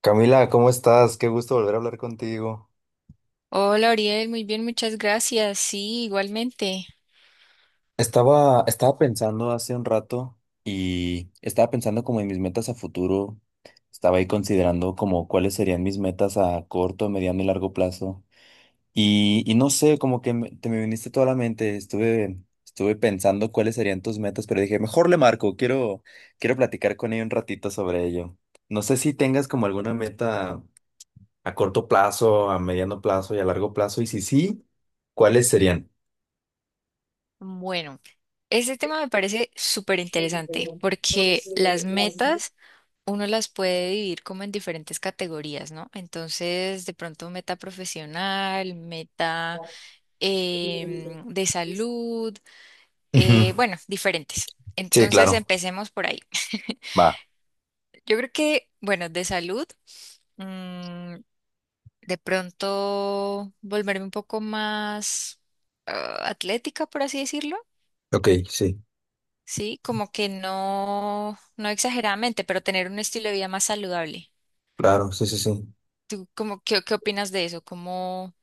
Camila, ¿cómo estás? Qué gusto volver a hablar contigo. Hola, Ariel, muy bien, muchas gracias. Sí, igualmente. Estaba pensando hace un rato y estaba pensando como en mis metas a futuro. Estaba ahí considerando como cuáles serían mis metas a corto, mediano y largo plazo. Y no sé, como que te me viniste toda la mente. Estuve pensando cuáles serían tus metas, pero dije, mejor le marco, quiero platicar con ella un ratito sobre ello. ¿No sé si tengas como alguna meta a corto plazo, a mediano plazo y a largo plazo? Y si sí, ¿cuáles serían? Bueno, este tema me parece súper interesante porque las metas uno las puede dividir como en diferentes categorías, ¿no? Entonces, de pronto meta profesional, meta de salud, Ujú. Bueno, diferentes. Sí, Entonces, claro. empecemos por ahí. Va. Yo creo que, bueno, de salud. mm, de pronto volverme un poco más atlética, por así decirlo. Ok, sí, Sí, como que no, no exageradamente, pero tener un estilo de vida más saludable. claro, sí, sí, sí. ¿Tú cómo, qué opinas de eso? ¿Cómo,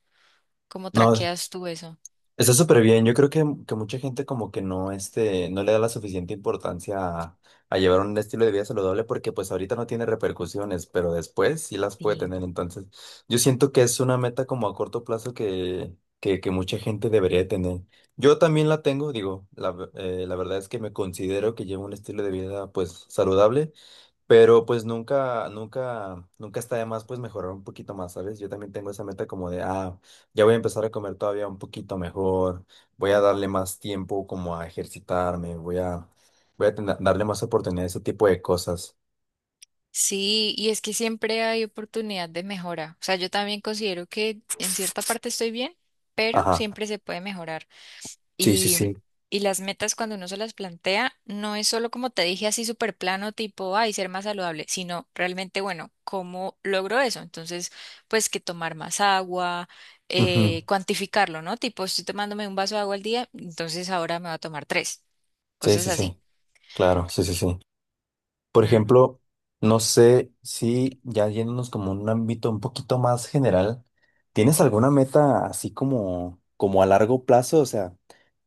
cómo No. traqueas tú eso? Está súper bien. Yo creo que mucha gente como que no, este, no le da la suficiente importancia a llevar un estilo de vida saludable porque pues ahorita no tiene repercusiones, pero después sí las puede Sí. tener. Entonces, yo siento que es una meta como a corto plazo que mucha gente debería tener. Yo también la tengo, digo, la verdad es que me considero que llevo un estilo de vida pues saludable. Pero pues nunca, nunca, nunca está de más pues mejorar un poquito más, ¿sabes? Yo también tengo esa meta como de, ya voy a empezar a comer todavía un poquito mejor, voy a darle más tiempo como a ejercitarme, darle más oportunidad a ese tipo de cosas. Sí, y es que siempre hay oportunidad de mejora. O sea, yo también considero que en cierta parte estoy bien, pero Ajá. siempre se puede mejorar. Sí, sí, Y, sí. y las metas cuando uno se las plantea, no es solo como te dije así súper plano, tipo, ay, ser más saludable, sino realmente, bueno, ¿cómo logro eso? Entonces, pues que tomar más agua, Ujú. Cuantificarlo, ¿no? Tipo, estoy tomándome un vaso de agua al día, entonces ahora me voy a tomar tres, Sí, cosas sí, así. sí. Claro, sí, sí, sí. Por Mm. ejemplo, no sé si ya yéndonos como un ámbito un poquito más general, ¿tienes alguna meta así como a largo plazo? O sea,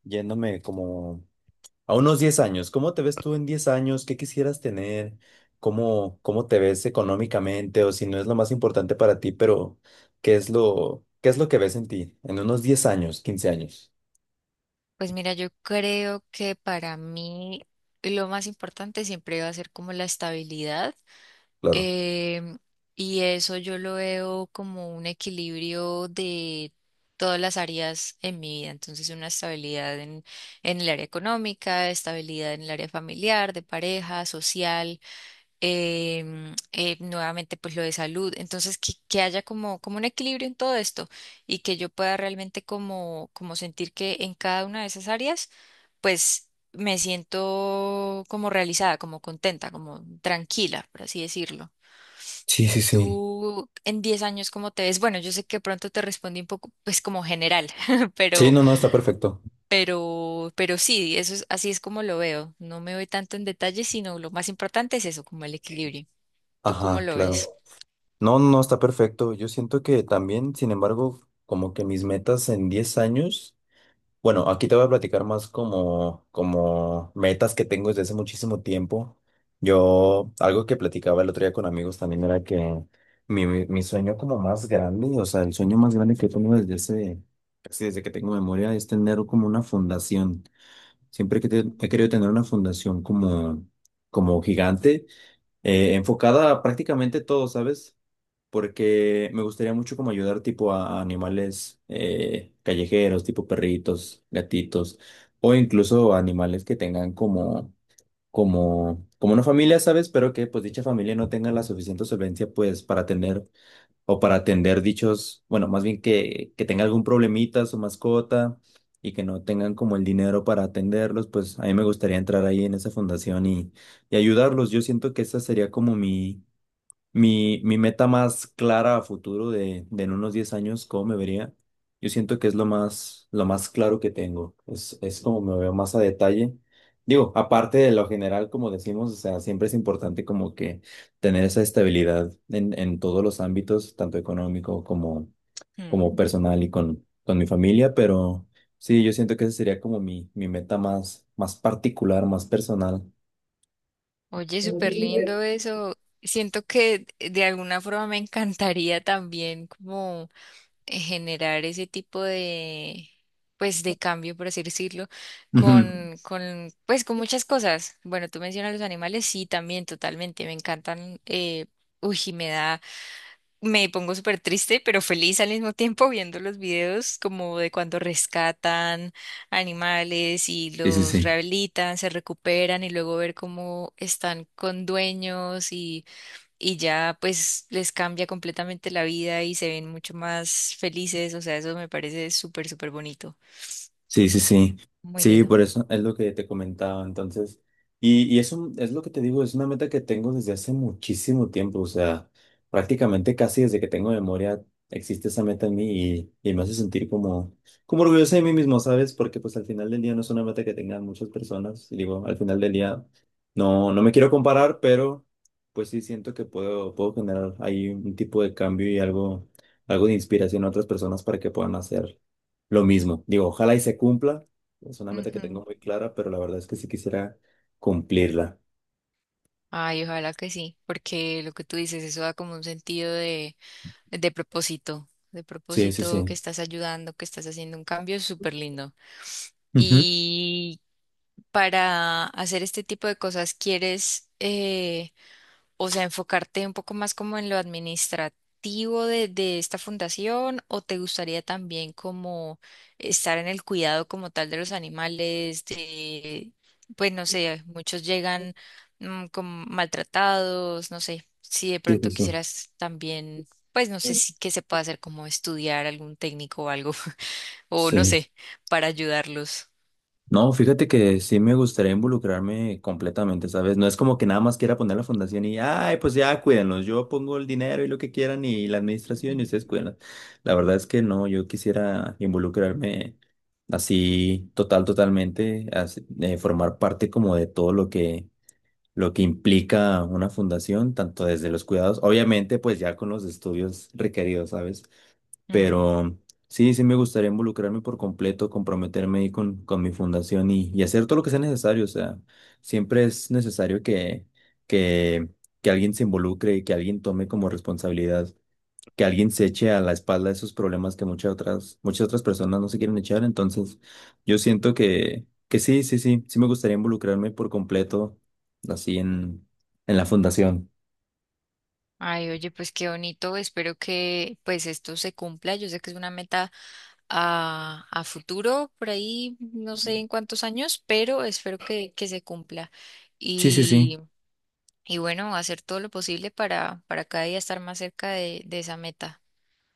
yéndome como a unos 10 años, ¿cómo te ves tú en 10 años? ¿Qué quisieras tener? ¿Cómo te ves económicamente? O si no es lo más importante para ti, pero ¿qué es lo que ves en ti en unos 10 años, 15 años? Pues mira, yo creo que para mí lo más importante siempre va a ser como la estabilidad. Claro. Em, y eso yo lo veo como un equilibrio de todas las áreas en mi vida. Entonces, una estabilidad en el área económica, estabilidad en el área familiar, de pareja, social, nuevamente pues lo de salud. Entonces, que haya como un equilibrio en todo esto y que yo pueda realmente como sentir que en cada una de esas áreas, pues me siento como realizada, como contenta, como tranquila, por así decirlo. Sí, sí, sí. ¿Tú en 10 años cómo te ves? Bueno, yo sé que pronto te respondí un poco, pues como general, Sí, pero, no, no, está perfecto. Sí, eso es, así es como lo veo. No me voy tanto en detalle, sino lo más importante es eso, como el equilibrio. ¿Tú cómo Ajá, lo ves? claro. No, no, está perfecto. Yo siento que también, sin embargo, como que mis metas en 10 años, bueno, aquí te voy a platicar más como metas que tengo desde hace muchísimo tiempo. Yo, algo que platicaba el otro día con amigos también era que mi sueño como más grande, o sea, el sueño más grande que tengo casi desde que tengo memoria, es tener como una fundación. Siempre que he querido tener una fundación como gigante enfocada a prácticamente todo, ¿sabes? Porque me gustaría mucho como ayudar tipo a animales callejeros, tipo perritos, gatitos, o incluso animales que tengan como una familia, ¿sabes? Pero que pues dicha familia no tenga la suficiente solvencia pues para tener o para atender dichos, bueno, más bien que tenga algún problemita su mascota y que no tengan como el dinero para atenderlos, pues a mí me gustaría entrar ahí en esa fundación y ayudarlos. Yo siento que esa sería como mi meta más clara a futuro de en unos 10 años, ¿cómo me vería? Yo siento que es lo más claro que tengo. Es como me veo más a detalle. Digo, aparte de lo general, como decimos, o sea, siempre es importante como que tener esa estabilidad en todos los ámbitos, tanto económico como, Mm. como personal y con mi familia, pero sí, yo siento que esa sería como mi meta más particular, más personal. Oye, súper lindo eso. Siento que de alguna forma me encantaría también como generar ese tipo de, pues, de cambio, por así decirlo, Ujú. Pues, con muchas cosas. Bueno, tú mencionas los animales, sí, también, totalmente, me encantan. Uy, me pongo súper triste, pero feliz al mismo tiempo viendo los videos como de cuando rescatan animales y Sí, sí, los sí. rehabilitan, se recuperan y luego ver cómo están con dueños y ya pues les cambia completamente la vida y se ven mucho más felices, o sea, eso me parece súper, súper bonito, Sí, sí, sí. muy Sí, lindo. por eso es lo que te comentaba. Entonces, y eso es lo que te digo, es una meta que tengo desde hace muchísimo tiempo. O sea, prácticamente casi desde que tengo memoria existe esa meta en mí y me hace sentir como orgulloso de mí mismo, ¿sabes? Porque pues al final del día no es una meta que tengan muchas personas. Y digo, al final del día no me quiero comparar, pero pues sí siento que puedo generar ahí un tipo de cambio y algo de inspiración a otras personas para que puedan hacer. Lo mismo, digo, ojalá y se cumpla. Es una meta que tengo Ujú. muy clara, pero la verdad es que sí quisiera cumplirla. Ay, ojalá que sí, porque lo que tú dices, eso da como un sentido de propósito, de Sí, sí, propósito que sí. estás ayudando, que estás haciendo un cambio súper lindo. Ujú. Y para hacer este tipo de cosas, ¿quieres o sea, enfocarte un poco más como en lo administrativo de esta fundación o te gustaría también como estar en el cuidado como tal de los animales, de, pues no sé, muchos llegan como maltratados, no sé, si de Sí, sí, pronto sí. quisieras también, pues no sé si que se pueda hacer como estudiar algún técnico o algo, o no Sí. sé, para ayudarlos. No, fíjate que sí me gustaría involucrarme completamente, ¿sabes? No es como que nada más quiera poner la fundación y, ay, pues ya cuídenlos, yo pongo el dinero y lo que quieran y la administración y Ujú. ustedes cuídenlos. La verdad es que no, yo quisiera involucrarme así total, totalmente, así, formar parte como de todo lo que implica una fundación, tanto desde los cuidados, obviamente pues ya con los estudios requeridos, ¿sabes? Mm. Pero sí me gustaría involucrarme por completo, comprometerme ahí con mi fundación y hacer todo lo que sea necesario, o sea, siempre es necesario que, que alguien se involucre y que alguien tome como responsabilidad que alguien se eche a la espalda esos problemas que muchas otras personas no se quieren echar. Entonces, yo siento que sí, sí, sí, sí me gustaría involucrarme por completo así en la fundación. Ay, oye, pues qué bonito. Espero que pues esto se cumpla. Yo sé que es una meta a futuro, por ahí, no sé en cuántos años, pero espero que se cumpla. Sí, sí, sí. Y, y bueno, hacer todo lo posible para cada día estar más cerca de esa meta.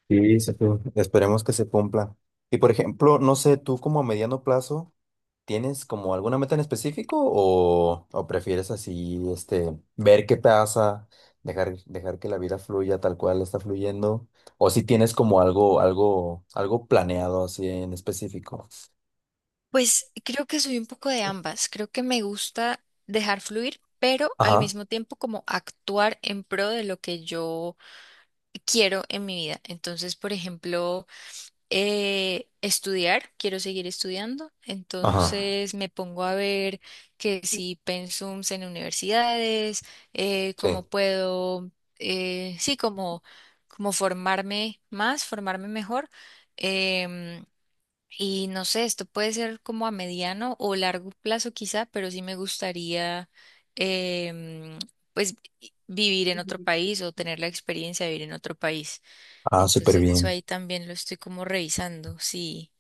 Sí, sí, sí. Esperemos que se cumpla. Y por ejemplo, no sé, tú como a mediano plazo. ¿Tienes como alguna meta en específico o prefieres así, este, ver qué pasa, dejar que la vida fluya tal cual está fluyendo? ¿O si tienes como algo planeado así en específico? Pues creo que soy un poco de ambas. Creo que me gusta dejar fluir, pero al Ajá, mismo tiempo como actuar en pro de lo que yo quiero en mi vida. Entonces, por ejemplo, estudiar, quiero seguir estudiando, ajá. entonces me pongo a ver que si pensums en universidades, Sí. cómo puedo, sí, como formarme más, formarme mejor. em, y no sé, esto puede ser como a mediano o largo plazo quizá, pero sí me gustaría, em, pues, vivir en otro país o tener la experiencia de vivir en otro país. Ah, súper Entonces eso bien. ahí también lo estoy como revisando. Sí,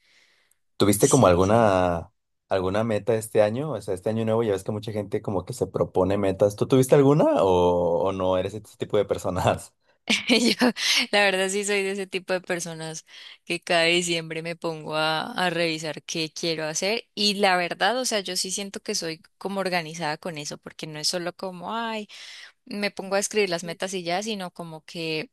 ¿Tuviste como sí, sí. alguna meta este año? O sea, este año nuevo ya ves que mucha gente como que se propone metas. ¿Tú tuviste alguna o no eres ese tipo de personas? Yo, la verdad sí soy de ese tipo de personas que cada diciembre me pongo a revisar qué quiero hacer y la verdad, o sea, yo sí siento que soy como organizada con eso porque no es solo como, ay, me pongo a escribir las metas y ya, sino como que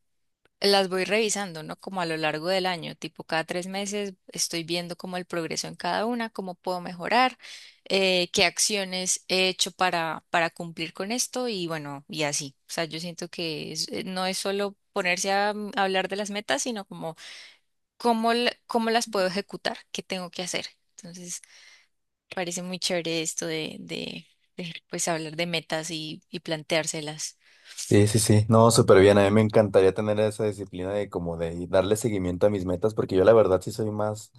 las voy revisando, ¿no? Como a lo largo del año, tipo cada 3 meses estoy viendo como el progreso en cada una, cómo puedo mejorar, qué acciones he hecho para cumplir con esto y bueno, y así. O sea, yo siento que no es solo ponerse a hablar de las metas, sino como cómo, cómo las puedo ejecutar, qué tengo que hacer. Entonces, parece muy chévere esto de, pues hablar de metas y planteárselas. Sí, sí, sí. No, súper bien. A mí me encantaría tener esa disciplina de como de y darle seguimiento a mis metas, porque yo la verdad sí soy más,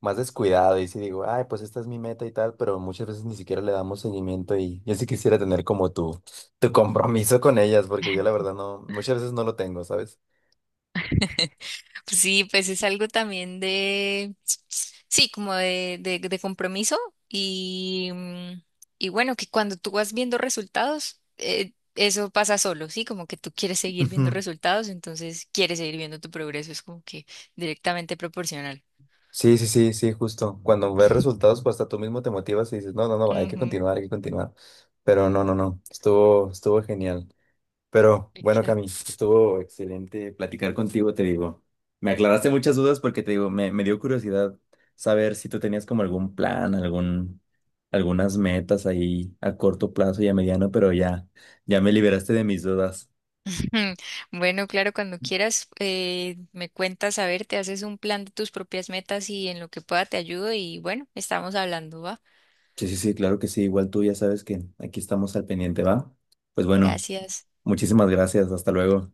más descuidado y sí digo, ay, pues esta es mi meta y tal, pero muchas veces ni siquiera le damos seguimiento y yo sí quisiera tener como tu compromiso con ellas, porque yo la verdad no, muchas veces no lo tengo, ¿sabes? Sí, pues es algo también de, sí, como de compromiso y, mm, y bueno, que cuando tú vas viendo resultados, eso pasa solo, ¿sí? Como que tú quieres seguir viendo Ujú. resultados, entonces quieres seguir viendo tu progreso, es como que directamente proporcional. Sí, sí, sí, sí, justo. Cuando ves resultados, pues hasta tú mismo te motivas y dices, no, no, no, hay que Ujú, continuar, hay que continuar. Pero no, no, no, estuvo genial. Pero bueno, Cami, exacto. estuvo excelente platicar contigo, te digo. Me aclaraste muchas dudas porque te digo, me dio curiosidad saber si tú tenías como algún plan, algunas metas ahí a corto plazo y a mediano, pero ya me liberaste de mis dudas. Bueno, claro, cuando quieras, me cuentas, a ver, te haces un plan de tus propias metas y en lo que pueda te ayudo y bueno, estamos hablando, ¿va? Sí, sí, sí, claro que sí. Igual tú ya sabes que aquí estamos al pendiente, ¿va? Pues bueno, Gracias. muchísimas gracias. Hasta luego.